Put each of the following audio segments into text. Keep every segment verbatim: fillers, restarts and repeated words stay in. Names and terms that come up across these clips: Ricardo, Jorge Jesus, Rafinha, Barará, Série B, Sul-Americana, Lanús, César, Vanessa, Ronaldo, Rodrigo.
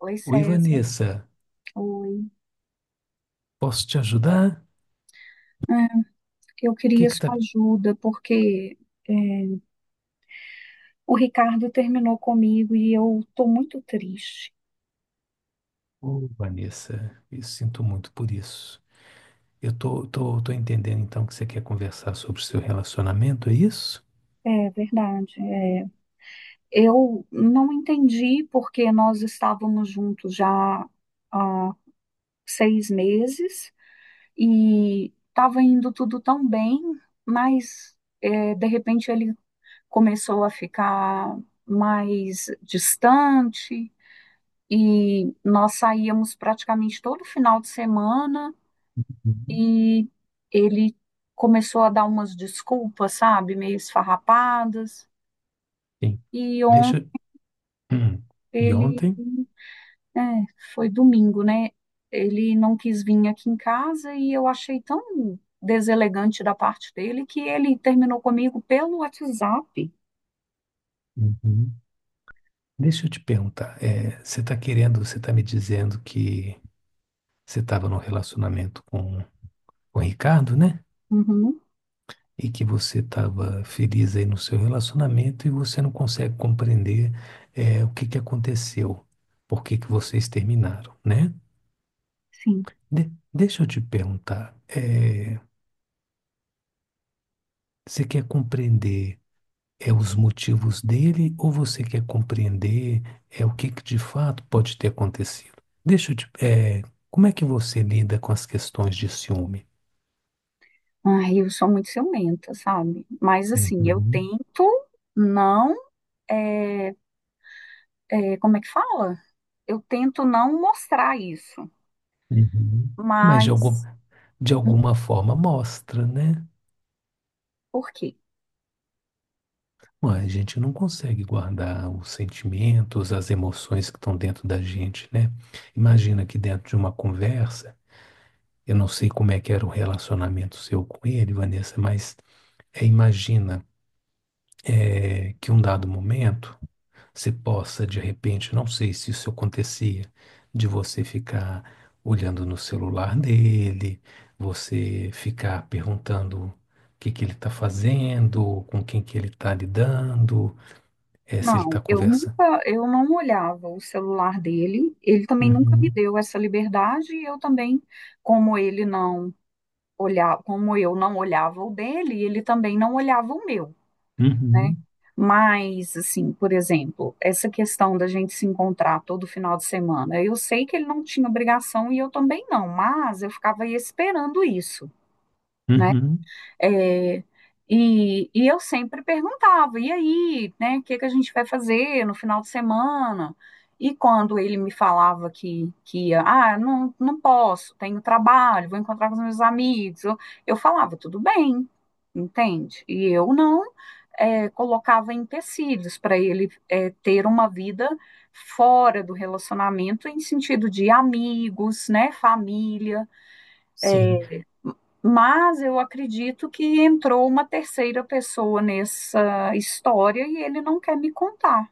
Oi, Oi, César. Vanessa, Oi. posso te ajudar? O É, eu que queria que tá... sua ajuda, porque é, o Ricardo terminou comigo e eu estou muito triste. Ô, Vanessa, eu sinto muito por isso. Eu tô, tô, tô entendendo então que você quer conversar sobre o seu relacionamento, é isso? É verdade. É. Eu não entendi porque nós estávamos juntos já há seis meses e estava indo tudo tão bem, mas é, de repente ele começou a ficar mais distante e nós saíamos praticamente todo final de semana Uhum. e ele começou a dar umas desculpas, sabe, meio esfarrapadas. Sim. E ontem Deixa... eu- Hum. E ele, ontem? é, foi domingo, né? Ele não quis vir aqui em casa e eu achei tão deselegante da parte dele que ele terminou comigo pelo WhatsApp. Uhum. Deixa eu te perguntar, é, você tá querendo, você tá me dizendo que você estava num relacionamento com, com o Ricardo, né? Uhum, E que você estava feliz aí no seu relacionamento e você não consegue compreender eh, o que que aconteceu, por que que vocês terminaram, né? sim. De- deixa eu te perguntar, eh, você quer compreender é, os motivos dele ou você quer compreender é, o que que de fato pode ter acontecido? Deixa eu te, é como é que você lida com as questões de ciúme? Ai, eu sou muito ciumenta, sabe? Mas assim, eu Uhum, tento não eh, é, como é que fala? Eu tento não mostrar isso, uhum. Mas de algum, mas de alguma forma mostra, né? por quê? Ué, a gente não consegue guardar os sentimentos, as emoções que estão dentro da gente, né? Imagina que dentro de uma conversa, eu não sei como é que era o relacionamento seu com ele, Vanessa, mas é, imagina é, que um dado momento você possa, de repente, não sei se isso acontecia, de você ficar olhando no celular dele, você ficar perguntando o que que ele está fazendo, com quem que ele está lidando, é, se ele Não, está eu conversando. nunca, eu não olhava o celular dele, ele também nunca me Uhum, deu essa liberdade, e eu também, como ele não olhava, como eu não olhava o dele, ele também não olhava o meu, né? uhum, Mas, assim, por exemplo, essa questão da gente se encontrar todo final de semana, eu sei que ele não tinha obrigação e eu também não, mas eu ficava aí esperando isso, né? uhum, É, e, e eu sempre perguntava, e aí, né, o que que a gente vai fazer no final de semana? E quando ele me falava que, que ia, ah, não, não posso, tenho trabalho, vou encontrar com os meus amigos, eu, eu falava, tudo bem, entende? E eu não eh, colocava empecilhos para ele eh, ter uma vida fora do relacionamento, em sentido de amigos, né, família. sim. Mas eu acredito que entrou uma terceira pessoa nessa história e ele não quer me contar.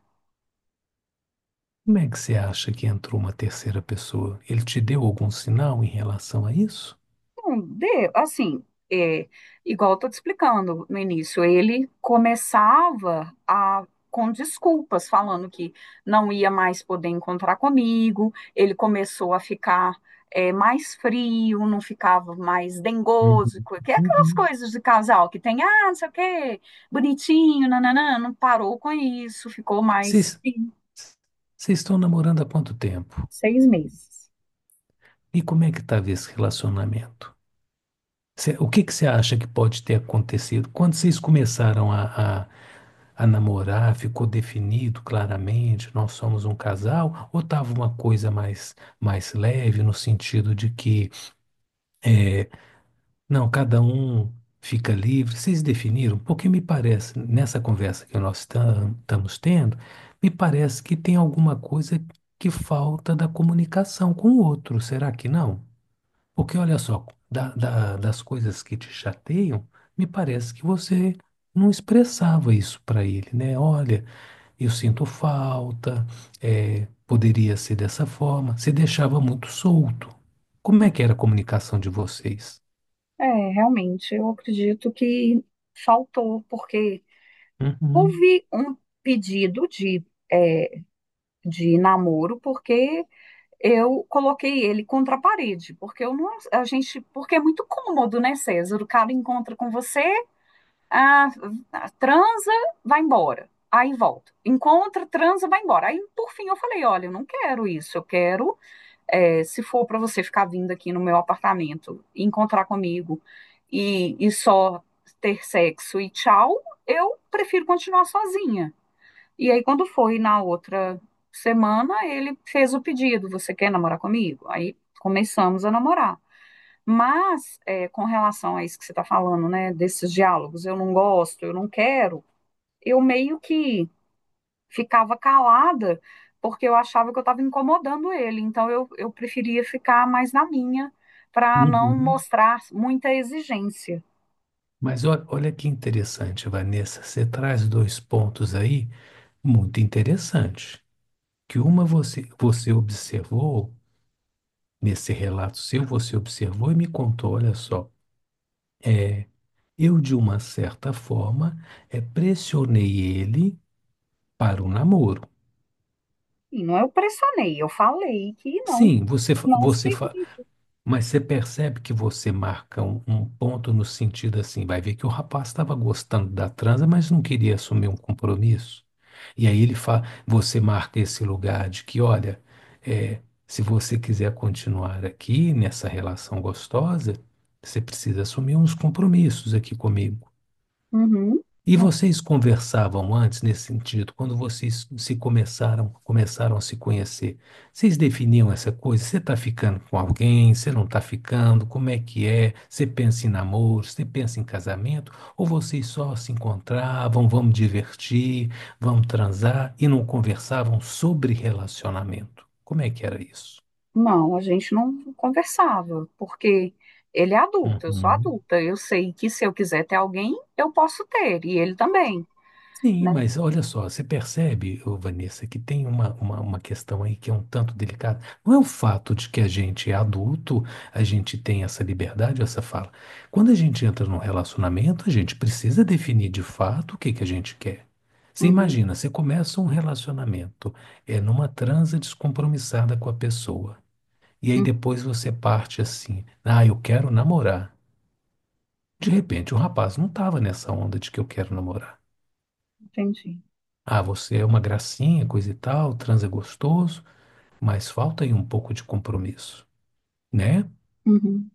Como é que você acha que entrou uma terceira pessoa? Ele te deu algum sinal em relação a isso? Não, de, assim, é, igual eu tô te explicando no início, ele começava a com desculpas, falando que não ia mais poder encontrar comigo, ele começou a ficar é, mais frio, não ficava mais dengoso, Uhum, co- que é aquelas uhum. coisas de casal que tem, ah, não sei o quê, bonitinho, nananã, não parou com isso, ficou mais Vocês frio. vocês estão namorando há quanto tempo? Seis meses. E como é que estava esse relacionamento? Cê- o que que você acha que pode ter acontecido? Quando vocês começaram a, a, a namorar, ficou definido claramente, nós somos um casal? Ou estava uma coisa mais, mais leve, no sentido de que não, cada um fica livre. Vocês definiram? Porque me parece, nessa conversa que nós tam- estamos tendo, me parece que tem alguma coisa que falta da comunicação com o outro. Será que não? Porque olha só, da- da- das coisas que te chateiam, me parece que você não expressava isso para ele, né? Olha, eu sinto falta, é, poderia ser dessa forma. Você deixava muito solto. Como é que era a comunicação de vocês? É, realmente, eu acredito que faltou, porque Uhum. houve um pedido de, é, de namoro porque eu coloquei ele contra a parede, porque eu não, a gente, porque é muito cômodo, né, César? O cara encontra com você, ah, transa, vai embora. Aí volta. Encontra, transa, vai embora. Aí, por fim, eu falei: olha, eu não quero isso. Eu quero, é, se for para você ficar vindo aqui no meu apartamento, encontrar comigo e, e só ter sexo e tchau, eu prefiro continuar sozinha. E aí, quando foi na outra semana, ele fez o pedido: Você quer namorar comigo? Aí começamos a namorar. Mas, é, com relação a isso que você está falando, né, desses diálogos, eu não gosto, eu não quero, eu meio que ficava calada, porque eu achava que eu estava incomodando ele. Então, eu, eu preferia ficar mais na minha, para não Uhum. mostrar muita exigência. Mas olha, olha que interessante, Vanessa. Você traz dois pontos aí muito interessantes. Que uma você, você observou, nesse relato seu, você observou e me contou, olha só. Eu, de uma certa forma, é, pressionei ele para o namoro. E não eu pressionei, eu falei que não, Sim, você, fa- não você, fa- segui. mas você percebe que você marca um, um ponto no sentido assim, vai ver que o rapaz estava gostando da transa, mas não queria assumir um compromisso. E aí ele fala, você marca esse lugar de que, olha, é, se você quiser continuar aqui nessa relação gostosa, você precisa assumir uns compromissos aqui comigo. Uhum. E vocês conversavam antes nesse sentido, quando vocês se começaram, começaram a se conhecer, vocês definiam essa coisa? Você está ficando com alguém? Você não está ficando? Como é que é? Você pensa em namoro? Você pensa em casamento? Ou vocês só se encontravam, vamos divertir, vamos transar e não conversavam sobre relacionamento? Como é que era isso? Não, a gente não conversava, porque ele é adulto, eu sou Uhum. adulta. Eu sei que se eu quiser ter alguém, eu posso ter, e ele também, Sim, né? mas olha só, você percebe, ô Vanessa, que tem uma, uma, uma questão aí que é um tanto delicada. Não é o fato de que a gente é adulto, a gente tem essa liberdade, essa fala. Quando a gente entra num relacionamento, a gente precisa definir de fato o que que a gente quer. Você Uhum, imagina, você começa um relacionamento, é numa transa descompromissada com a pessoa. E aí uhum, depois você parte assim, ah, eu quero namorar. De repente, o rapaz não estava nessa onda de que eu quero namorar. entendi. Ah, você é uma gracinha, coisa e tal, transa gostoso, mas falta aí um pouco de compromisso, né? Uhum,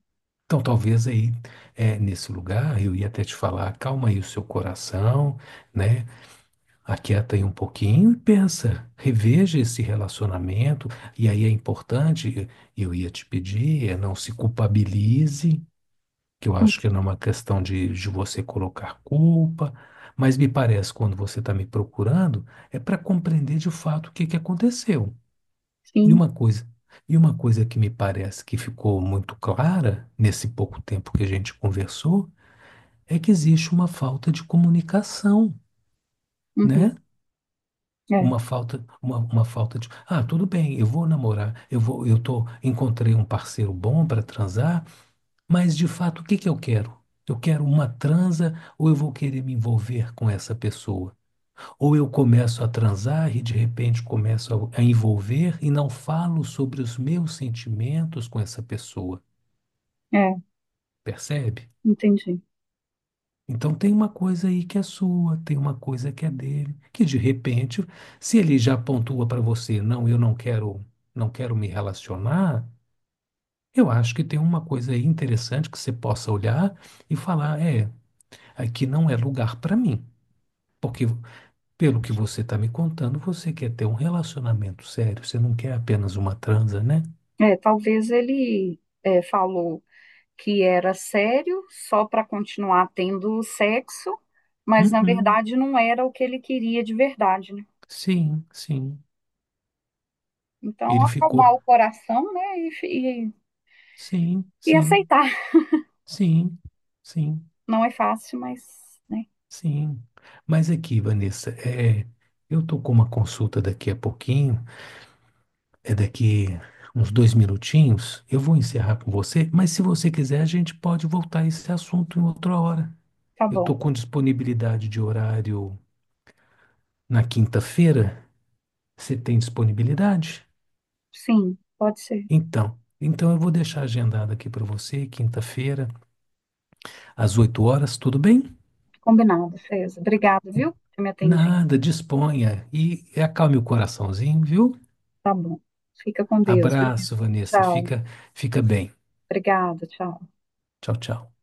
Então, talvez aí, é, nesse lugar, eu ia até te falar, calma aí o seu coração, né? Aquieta aí um pouquinho e pensa, reveja esse relacionamento. E aí é importante, eu ia te pedir, é não se culpabilize, que eu uhum, acho que não é uma questão de, de você colocar culpa, mas me parece, quando você está me procurando, é para compreender de fato o que que aconteceu. E sim, uma coisa, e uma coisa que me parece que ficou muito clara nesse pouco tempo que a gente conversou é que existe uma falta de comunicação, uhum, né? é, Uma falta, uma, uma falta de, ah, tudo bem, eu vou namorar, eu vou, eu tô, encontrei um parceiro bom para transar, mas de fato, o que que eu quero? Eu quero uma transa ou eu vou querer me envolver com essa pessoa? Ou eu começo a transar e de repente começo a, a envolver e não falo sobre os meus sentimentos com essa pessoa, é, percebe? entendi. Então tem uma coisa aí que é sua, tem uma coisa que é dele, que de repente, se ele já pontua para você, não, eu não quero, não quero me relacionar, eu acho que tem uma coisa aí interessante que você possa olhar e falar, é, aqui não é lugar para mim, porque pelo que você está me contando, você quer ter um relacionamento sério, você não quer apenas uma transa, né? É, talvez ele é, falou que era sério só para continuar tendo sexo, mas na Uhum. verdade não era o que ele queria de verdade, né? Sim, sim. Então, Ele ficou. acalmar o coração, né, e, e Sim, e sim, aceitar. sim, sim, Não é fácil, mas, né? sim. Mas aqui, Vanessa, é, eu tô com uma consulta daqui a pouquinho, é daqui uns dois minutinhos. Eu vou encerrar com você, mas se você quiser, a gente pode voltar a esse assunto em outra hora. Tá Eu bom. tô com disponibilidade de horário na quinta-feira. Você tem disponibilidade? Sim, pode ser. Então, então eu vou deixar agendado aqui para você, quinta-feira, às oito horas, tudo bem? Combinado, feza. Obrigado, viu? Que me atendi. Nada, disponha e acalme o coraçãozinho, viu? Tá bom. Fica com Deus. Obrigada. Abraço, Vanessa. Tchau. Fica, fica bem. Obrigada, tchau. Tchau, tchau.